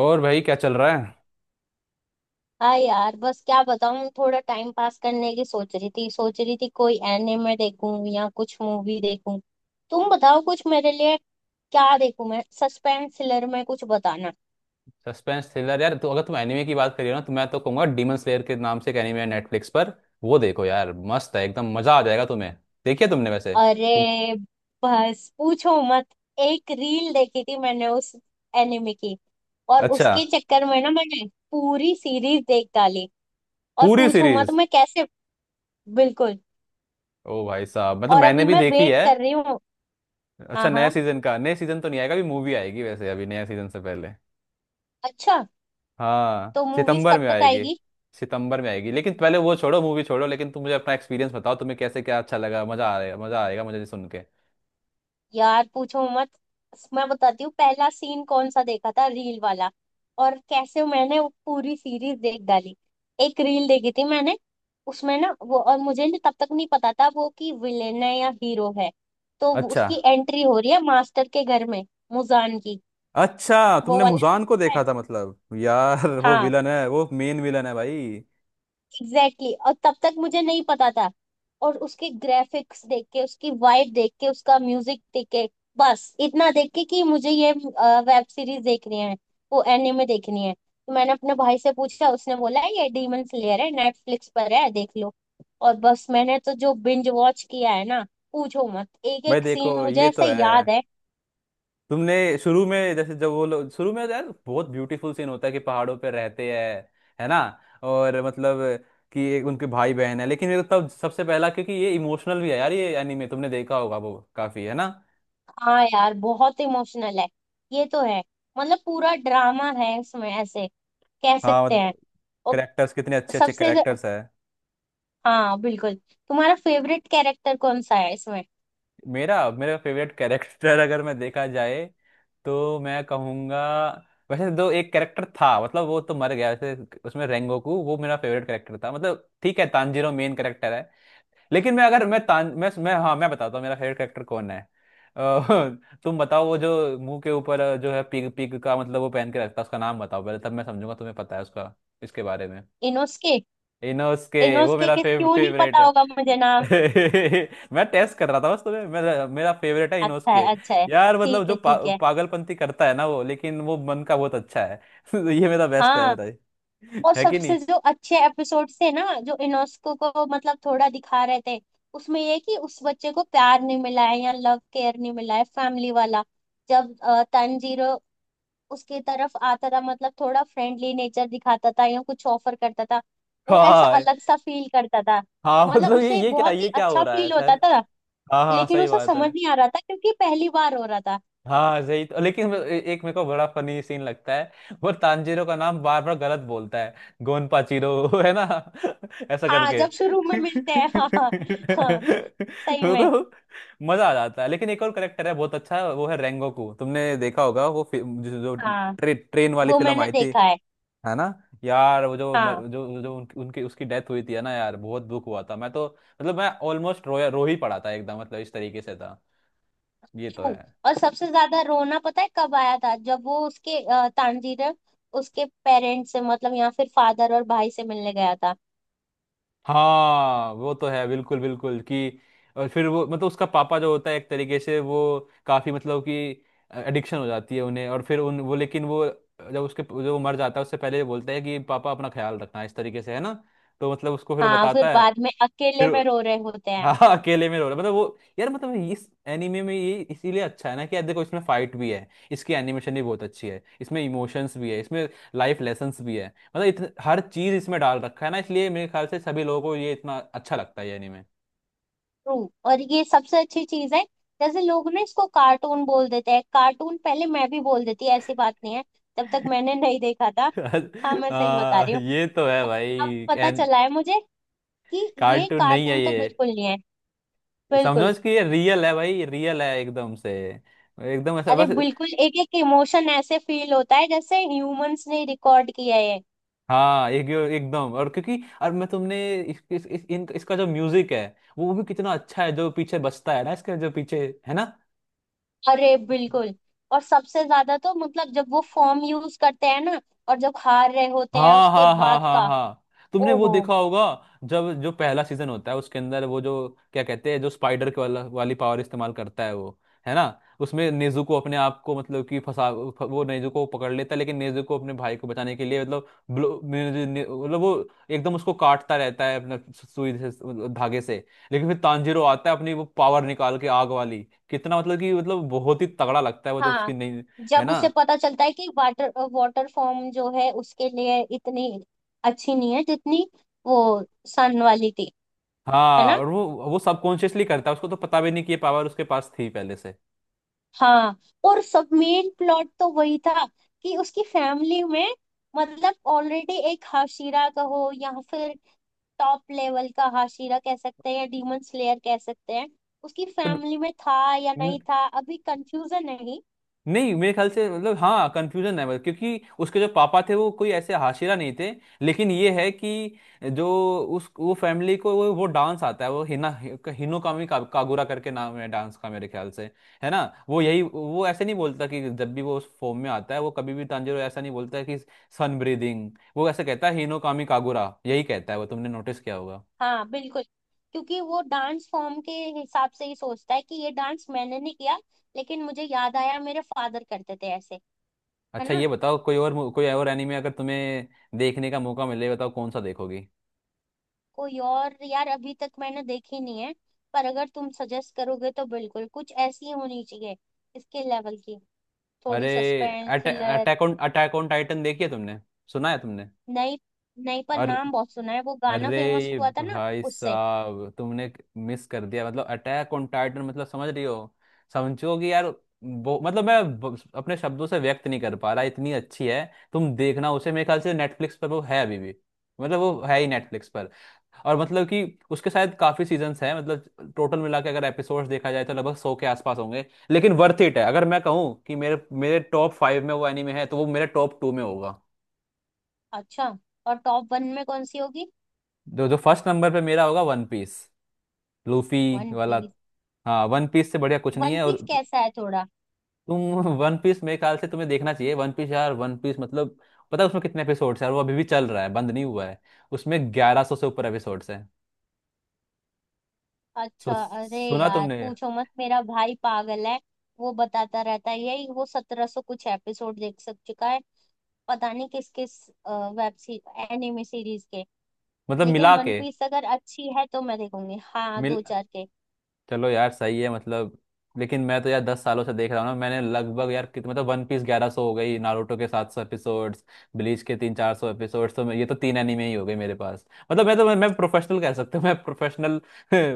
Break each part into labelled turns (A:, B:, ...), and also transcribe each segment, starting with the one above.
A: और भाई क्या चल रहा है।
B: हाँ यार, बस क्या बताऊँ। थोड़ा टाइम पास करने की सोच रही थी कोई एनिमे देखूं या कुछ मूवी देखूं। तुम बताओ कुछ मेरे लिए, क्या देखूं मैं, सस्पेंस थ्रिलर में कुछ बताना।
A: सस्पेंस थ्रिलर यार, तो अगर तुम एनिमे की बात करिए ना तो मैं तो कहूंगा, डीमन स्लेयर के नाम से एक एनिमे है नेटफ्लिक्स पर। वो देखो यार, मस्त है, एकदम मजा आ जाएगा तुम्हें। देखिए तुमने वैसे?
B: अरे
A: तुम?
B: बस, पूछो मत। एक रील देखी थी मैंने उस एनिमे की, और
A: अच्छा।
B: उसके चक्कर में ना मैंने पूरी सीरीज देख डाली। और
A: पूरी
B: पूछो मत
A: सीरीज?
B: मैं कैसे। बिल्कुल।
A: ओ भाई साहब, मतलब
B: और
A: मैंने
B: अभी
A: भी
B: मैं
A: देखी
B: वेट
A: है।
B: कर रही हूँ।
A: अच्छा
B: हाँ
A: नया
B: हाँ।
A: सीजन का, नया सीजन तो नहीं आएगा अभी, मूवी आएगी वैसे अभी नया सीजन से पहले।
B: अच्छा।
A: हाँ,
B: तो मूवीज
A: सितंबर
B: कब
A: में
B: तक
A: आएगी।
B: आएगी।
A: सितंबर में आएगी, लेकिन पहले वो छोड़ो, मूवी छोड़ो, लेकिन तुम मुझे अपना एक्सपीरियंस बताओ, तुम्हें कैसे क्या अच्छा लगा, मजा आ रहा है, मजा आएगा मुझे सुन के।
B: यार पूछो मत, मैं बताती हूँ पहला सीन कौन सा देखा था, रील वाला, और कैसे मैंने वो पूरी सीरीज देख डाली। एक रील देखी थी मैंने, उसमें ना वो, और मुझे तब तक नहीं पता था वो कि विलेन है या हीरो है। तो
A: अच्छा,
B: उसकी एंट्री हो रही है मास्टर के घर में, मुजान की।
A: अच्छा
B: वो
A: तुमने
B: वाला सीन
A: मुजान को
B: देखा है।
A: देखा था? मतलब यार वो
B: हाँ,
A: विलन है, वो मेन विलन है भाई।
B: Exactly exactly। और तब तक मुझे नहीं पता था। और उसके ग्राफिक्स देख के, उसकी वाइब देख के, उसका म्यूजिक देख के, बस इतना देख के कि मुझे ये वेब सीरीज देखनी है, वो एनिमे देखनी है। तो मैंने अपने भाई से पूछा, उसने बोला ये डीमन स्लेयर है, नेटफ्लिक्स पर है, देख लो। और बस मैंने तो जो बिंज वॉच किया है ना, पूछो मत। एक
A: भाई
B: एक सीन
A: देखो
B: मुझे
A: ये तो
B: ऐसे
A: है,
B: याद है।
A: तुमने शुरू में जैसे जब वो लोग, शुरू में यार बहुत ब्यूटीफुल सीन होता है कि पहाड़ों पे रहते हैं, है ना? और मतलब कि एक उनके भाई बहन है, लेकिन मेरे को तब सबसे पहला, क्योंकि ये इमोशनल भी है यार ये एनीमे, तुमने देखा होगा वो, काफी है ना।
B: हाँ यार, बहुत इमोशनल है। ये तो है। मतलब पूरा ड्रामा है उसमें, ऐसे कह
A: हाँ
B: सकते हैं।
A: मतलब,
B: और
A: करेक्टर्स कितने अच्छे अच्छे
B: सबसे।
A: करेक्टर्स है।
B: हाँ बिल्कुल। तुम्हारा फेवरेट कैरेक्टर कौन सा है इसमें।
A: मेरा मेरा फेवरेट कैरेक्टर अगर मैं देखा जाए तो मैं कहूँगा, वैसे दो एक कैरेक्टर था, मतलब वो तो मर गया वैसे, उसमें रेंगोकू, वो मेरा फेवरेट कैरेक्टर था। मतलब ठीक है, तानजीरो मेन कैरेक्टर है, लेकिन मैं, अगर मैं तान, मैं हाँ, मैं बताता हूँ मेरा फेवरेट कैरेक्टर कौन है। अ, तुम बताओ, वो जो मुंह के ऊपर जो है, पिग पिग का मतलब वो पहन के रखता है, उसका नाम बताओ पहले, तब मैं समझूंगा तुम्हें पता है उसका इसके बारे में।
B: इनोस्के।
A: इनोस के वो
B: इनोस्के
A: मेरा
B: के क्यों नहीं
A: फेवरेट
B: पता
A: है।
B: होगा मुझे नाम।
A: मैं टेस्ट कर रहा था बस तुम्हें, मेरा मेरा फेवरेट है इनोस
B: अच्छा है,
A: के।
B: अच्छा है।
A: यार मतलब
B: ठीक
A: जो
B: है, ठीक है।
A: पागलपंती करता है ना वो, लेकिन वो मन का बहुत अच्छा है। ये मेरा बेस्ट है,
B: हाँ।
A: मेरा ये।
B: और
A: है कि नहीं?
B: सबसे जो अच्छे एपिसोड से ना, जो इनोस्को को मतलब थोड़ा दिखा रहे थे, उसमें ये कि उस बच्चे को प्यार नहीं मिला है या लव केयर नहीं मिला है, फैमिली वाला। जब तंजीरो उसके तरफ आता था, मतलब थोड़ा फ्रेंडली नेचर दिखाता था या कुछ ऑफर करता था, वो ऐसा
A: हाँ
B: अलग सा फील करता था।
A: हाँ,
B: मतलब
A: मतलब ये
B: उसे
A: ये क्या,
B: बहुत ही
A: ये क्या हो
B: अच्छा
A: रहा है
B: फील होता
A: सर।
B: था,
A: हाँ हाँ,
B: लेकिन
A: सही
B: उसे
A: बात है।
B: समझ नहीं आ रहा था क्योंकि पहली बार हो रहा था।
A: हाँ सही, तो लेकिन वो एक मेरे को बड़ा फनी सीन लगता है, वो तांजीरो का नाम बार बार गलत बोलता है, गोन पाचीरो, है ना? ऐसा
B: हाँ,
A: करके।
B: जब शुरू में मिलते हैं। हाँ हाँ। हाँ, सही
A: वो
B: में।
A: तो मजा आ जाता है। लेकिन एक और करेक्टर है बहुत अच्छा, वो है रेंगोकू, तुमने देखा होगा वो, जो
B: हाँ,
A: ट्रेन वाली
B: वो
A: फिल्म
B: मैंने
A: आई थी,
B: देखा है।
A: है ना यार? वो जो
B: हाँ।
A: जो जो उनकी उसकी डेथ हुई थी, है ना यार, बहुत दुख हुआ था मैं तो, मतलब मैं ऑलमोस्ट रो रो ही पड़ा था एकदम, मतलब इस तरीके से था। ये तो
B: true।
A: है।
B: और सबसे ज्यादा रोना पता है कब आया था, जब वो उसके, तांजीर उसके पेरेंट्स से मतलब, या फिर फादर और भाई से मिलने गया था।
A: हाँ वो तो है, बिल्कुल बिल्कुल कि, और फिर वो मतलब उसका पापा जो होता है एक तरीके से वो, काफी मतलब कि एडिक्शन हो जाती है उन्हें, और फिर उन वो, लेकिन वो जब उसके जब वो मर जाता है, उससे पहले ये बोलता है कि पापा अपना ख्याल रखना, इस तरीके से, है ना, तो मतलब उसको फिर वो
B: हाँ, फिर
A: बताता है।
B: बाद में अकेले
A: फिर
B: में रो रहे होते
A: हाँ
B: हैं।
A: हाँ, अकेले में रो रहा है। मतलब वो यार, मतलब इस एनीमे में ये इसीलिए अच्छा है ना कि यार देखो, इसमें फाइट भी है, इसकी एनिमेशन भी बहुत अच्छी है, इसमें इमोशंस भी है, इसमें लाइफ लेसन्स भी है, मतलब हर चीज इसमें डाल रखा है ना, इसलिए मेरे ख्याल से सभी लोगों को ये इतना अच्छा लगता है ये एनीमे।
B: ट्रू। और ये सबसे अच्छी चीज है। जैसे लोग ना इसको कार्टून बोल देते हैं, कार्टून पहले मैं भी बोल देती, ऐसी बात नहीं है, तब तक मैंने नहीं देखा था। हाँ मैं सही बता रही हूँ।
A: ये तो है भाई।
B: अब पता
A: एन
B: चला है मुझे कि ये
A: कार्टून नहीं है
B: कार्टून तो
A: ये।
B: बिल्कुल नहीं है। बिल्कुल।
A: समझो कि ये रियल है भाई, रियल है एकदम से, एकदम ऐसा
B: अरे
A: बस।
B: बिल्कुल, एक एक इमोशन ऐसे फील होता है जैसे ह्यूमंस ने रिकॉर्ड किया है।
A: हाँ एक एकदम, और क्योंकि, और मैं तुमने इसका जो म्यूजिक है वो भी कितना अच्छा है, जो पीछे बजता है ना इसके, जो पीछे, है ना।
B: अरे बिल्कुल। और सबसे ज्यादा तो मतलब जब वो फॉर्म यूज करते हैं ना, और जब हार रहे होते हैं
A: हाँ
B: उसके
A: हाँ हाँ
B: बाद
A: हाँ
B: का।
A: हाँ तुमने वो
B: ओहो।
A: देखा होगा, जब जो पहला सीजन होता है उसके अंदर वो जो, क्या कहते हैं, जो स्पाइडर के वाला वाली पावर इस्तेमाल करता है वो, है ना, उसमें नेज़ुको को अपने आप को, मतलब कि फंसा वो नेज़ुको को पकड़ लेता है, लेकिन नेज़ुको को अपने भाई को बचाने के लिए, मतलब मतलब वो एकदम उसको काटता रहता है अपने सुई से, मतलब धागे से, लेकिन फिर तांजीरो आता है अपनी वो पावर निकाल के आग वाली, कितना मतलब कि मतलब बहुत ही तगड़ा लगता है वो जब उसकी
B: हाँ,
A: नहीं, है
B: जब
A: ना।
B: उसे पता चलता है कि वाटर वाटर फॉर्म जो है, उसके लिए इतनी अच्छी नहीं है जितनी वो सन वाली थी। है
A: हाँ
B: ना।
A: और वो सबकॉन्शियसली करता है, उसको तो पता भी नहीं कि ये पावर उसके पास थी पहले से।
B: हाँ, और सब मेन प्लॉट तो वही था, कि उसकी फैमिली में मतलब ऑलरेडी एक हाशिरा कहो, या फिर टॉप लेवल का हाशिरा कह सकते हैं, या डीमन स्लेयर कह सकते हैं, उसकी
A: तो
B: फैमिली में था या नहीं
A: न-
B: था, अभी कंफ्यूजन है।
A: नहीं मेरे ख्याल से, मतलब हाँ कंफ्यूजन है, मतलब क्योंकि उसके जो पापा थे वो कोई ऐसे हाशिरा नहीं थे, लेकिन ये है कि जो उस वो फैमिली को वो डांस आता है, वो हिना हिनोकामी का, कागुरा करके नाम है डांस का मेरे ख्याल से, है ना। वो यही, वो ऐसे नहीं बोलता कि जब भी वो उस फॉर्म में आता है, वो कभी भी तांजिरो ऐसा नहीं बोलता है कि सन ब्रीदिंग, वो ऐसे कहता है हिनोकामी कागुरा, यही कहता है वो, तुमने नोटिस किया होगा।
B: हाँ बिल्कुल, क्योंकि वो डांस फॉर्म के हिसाब से ही सोचता है कि ये डांस मैंने नहीं किया, लेकिन मुझे याद आया मेरे फादर करते थे ऐसे। है
A: अच्छा
B: ना।
A: ये बताओ, कोई और कोई और एनीमे अगर तुम्हें देखने का मौका मिले, बताओ कौन सा देखोगी।
B: कोई और, यार अभी तक मैंने देखी नहीं है, पर अगर तुम सजेस्ट करोगे तो बिल्कुल कुछ ऐसी होनी चाहिए इसके लेवल की, थोड़ी
A: अरे
B: suspense thriller.
A: Attack on Titan देखी है तुमने? सुना है तुमने?
B: नई। नई, पर
A: और
B: नाम बहुत सुना है, वो गाना
A: अरे
B: फेमस
A: ये
B: हुआ था ना।
A: भाई
B: उससे
A: साहब, तुमने मिस कर दिया, मतलब अटैक ऑन टाइटन, मतलब समझ रही हो, समझो कि यार वो, मतलब मैं अपने शब्दों से व्यक्त नहीं कर पा रहा, इतनी अच्छी है। तुम देखना उसे, मेरे ख्याल से नेटफ्लिक्स पर वो है अभी भी, मतलब वो है ही नेटफ्लिक्स पर, और मतलब कि उसके शायद काफी सीजन्स हैं, मतलब टोटल मिला के अगर एपिसोड्स देखा जाए तो लगभग 100 के आसपास होंगे, लेकिन वर्थ इट है। अगर मैं कहूँ कि मेरे मेरे टॉप फाइव में वो एनीमे है, तो वो मेरे टॉप टू में होगा।
B: अच्छा। और टॉप वन में कौन सी होगी।
A: जो जो फर्स्ट नंबर पे मेरा होगा, वन पीस, लूफी
B: वन
A: वाला।
B: पीस।
A: हाँ, वन पीस से बढ़िया कुछ नहीं
B: वन
A: है और।
B: पीस कैसा है थोड़ा।
A: तुम वन पीस, मेरे ख्याल से तुम्हें देखना चाहिए वन पीस यार। वन पीस मतलब, पता है उसमें कितने एपिसोड्स हैं? और वो अभी भी चल रहा है, बंद नहीं हुआ है, उसमें 1100 से ऊपर एपिसोड्स हैं।
B: अच्छा,
A: सो
B: अरे
A: सुना
B: यार
A: तुमने?
B: पूछो मत, मेरा भाई पागल है। वो बताता रहता है, यही वो 1700 कुछ एपिसोड देख सक चुका है, पता नहीं किस किस वेब सी एनिमे सीरीज के।
A: मतलब
B: लेकिन
A: मिला
B: वन
A: के,
B: पीस अगर अच्छी है तो मैं देखूंगी, हाँ,
A: मिल,
B: दो चार के।
A: चलो यार सही है मतलब, लेकिन मैं तो यार 10 सालों से देख रहा हूँ ना, मैंने लगभग यार कितने, मतलब वन पीस 1100 हो गई, नारुतो के 700 एपिसोड्स, ब्लीच के 300-400 एपिसोड्स, तो ये तो तीन एनिमे ही हो गए मेरे पास, मतलब मैं तो, मैं प्रोफेशनल कह सकता हूँ, मैं प्रोफेशनल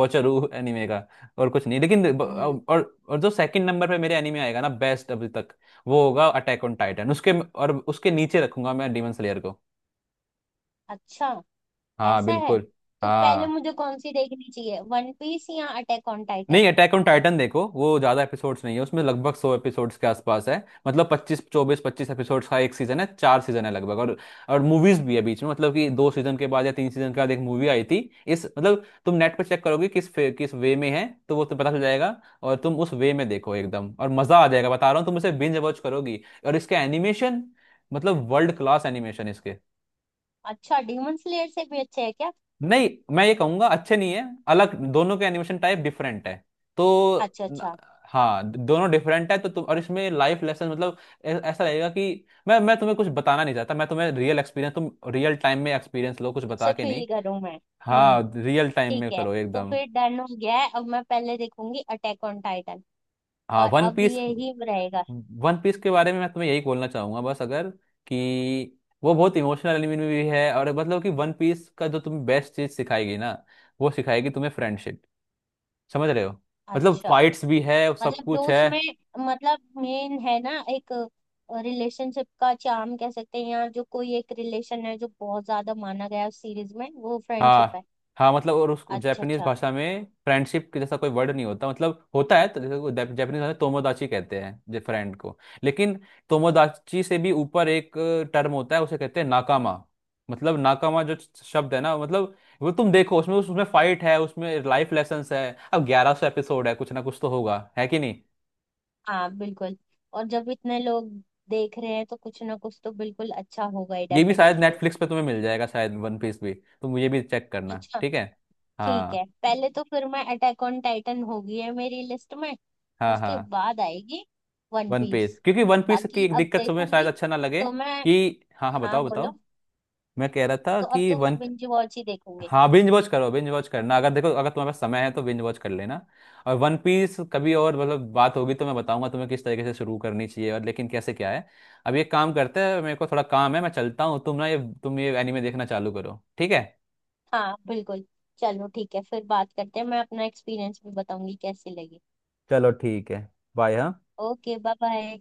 A: वॉचर हूँ एनिमे का, और कुछ नहीं, लेकिन
B: हम्म।
A: और जो सेकंड नंबर पे मेरे एनिमे आएगा ना बेस्ट अभी तक, वो होगा अटैक ऑन टाइटन, उसके और उसके नीचे रखूंगा मैं डेमन स्लेयर को।
B: अच्छा।
A: हाँ
B: ऐसा है।
A: बिल्कुल।
B: तो पहले
A: हाँ
B: मुझे कौन सी देखनी चाहिए, वन पीस या अटैक ऑन
A: नहीं,
B: टाइटन।
A: अटैक ऑन टाइटन देखो, वो ज्यादा एपिसोड्स नहीं है, उसमें लगभग सौ एपिसोड्स के आसपास है, मतलब पच्चीस एपिसोड्स का एक सीजन है, चार सीजन है लगभग, और मूवीज भी है बीच में, मतलब कि दो सीजन के बाद या तीन सीजन के बाद एक मूवी आई थी इस, मतलब तुम नेट पर चेक करोगे किस किस वे में है, तो वो तुम्हें पता चल जाएगा, और तुम उस वे में देखो, एकदम और मजा आ जाएगा, बता रहा हूँ तुम उसे बिंज वॉच करोगी, और इसके एनिमेशन, मतलब वर्ल्ड क्लास एनिमेशन इसके।
B: अच्छा, डीमन स्लेयर से भी अच्छे है क्या।
A: नहीं, मैं ये कहूंगा अच्छे नहीं है, अलग दोनों के एनिमेशन टाइप डिफरेंट है, तो
B: अच्छा
A: न-
B: अच्छा।
A: हाँ दोनों डिफरेंट है, तो तुम, और इसमें लाइफ लेसन मतलब ऐसा लगेगा कि मैं तुम्हें कुछ बताना नहीं चाहता, मैं तुम्हें रियल एक्सपीरियंस, तुम रियल टाइम में एक्सपीरियंस लो, कुछ बता
B: इससे
A: के नहीं।
B: फील करूं मैं। हम्म।
A: हाँ रियल टाइम में
B: ठीक है।
A: करो
B: तो
A: एकदम।
B: फिर डन हो गया है, अब मैं पहले देखूंगी अटैक ऑन टाइटन।
A: हाँ
B: और
A: वन
B: अब
A: पीस,
B: ये ही रहेगा।
A: वन पीस के बारे में मैं तुम्हें यही बोलना चाहूंगा बस, अगर कि वो बहुत इमोशनल एनिमे भी है, और मतलब कि वन पीस का जो तुम्हें बेस्ट चीज सिखाएगी ना, वो सिखाएगी तुम्हें फ्रेंडशिप, समझ रहे हो? मतलब
B: अच्छा।
A: फाइट्स भी है, सब
B: मतलब जो
A: कुछ है।
B: उसमें, मतलब मेन है ना एक, रिलेशनशिप का चार्म कह सकते हैं, या जो कोई एक रिलेशन है जो बहुत ज्यादा माना गया है उस सीरीज में, वो फ्रेंडशिप है।
A: हाँ हाँ, मतलब और उस
B: अच्छा
A: जापानीज
B: अच्छा।
A: भाषा में फ्रेंडशिप के जैसा कोई वर्ड नहीं होता, मतलब होता है तो जैसे जापानीज भाषा में तोमोदाची कहते हैं जो फ्रेंड को, लेकिन तोमोदाची से भी ऊपर एक टर्म होता है, उसे कहते हैं नाकामा, मतलब नाकामा जो शब्द है ना, मतलब वो तुम देखो, उसमें उसमें फाइट है, उसमें लाइफ लेसन्स है, अब 1100 एपिसोड है, कुछ ना कुछ तो होगा, है कि नहीं?
B: हाँ बिल्कुल। और जब इतने लोग देख रहे हैं तो कुछ ना कुछ तो बिल्कुल अच्छा होगा ही,
A: ये भी शायद
B: डेफिनेटली।
A: नेटफ्लिक्स पे तुम्हें मिल जाएगा शायद, वन पीस भी, तुम ये भी चेक करना,
B: अच्छा।
A: ठीक है।
B: ठीक
A: हाँ
B: है, पहले तो फिर मैं अटैक ऑन टाइटन होगी है मेरी लिस्ट में,
A: हाँ।
B: उसके
A: हाँ
B: बाद आएगी वन
A: वन पीस,
B: पीस।
A: क्योंकि वन पीस की
B: बाकी
A: एक
B: अब
A: दिक्कत तुम्हें शायद
B: देखूंगी
A: अच्छा ना लगे
B: तो मैं।
A: कि, हाँ हाँ
B: हाँ
A: बताओ
B: बोलो।
A: बताओ, मैं कह रहा था
B: तो अब
A: कि
B: तो मैं
A: वन,
B: बिंज वॉच ही देखूंगी।
A: हाँ बिंज वॉच करो, बिंज वॉच करना, अगर देखो अगर तुम्हारे पास समय है तो बिंज वॉच कर लेना, और वन पीस कभी और मतलब बात होगी तो मैं बताऊंगा तुम्हें किस तरीके से शुरू करनी चाहिए, और लेकिन कैसे क्या है, अब ये काम करते हैं, मेरे को थोड़ा काम है, मैं चलता हूँ, तुम ना ये, तुम ये एनीमे देखना चालू करो, ठीक है।
B: हाँ बिल्कुल। चलो ठीक है, फिर बात करते हैं, मैं अपना एक्सपीरियंस भी बताऊंगी कैसी लगी।
A: चलो ठीक है, बाय, हाँ।
B: Okay, bye bye.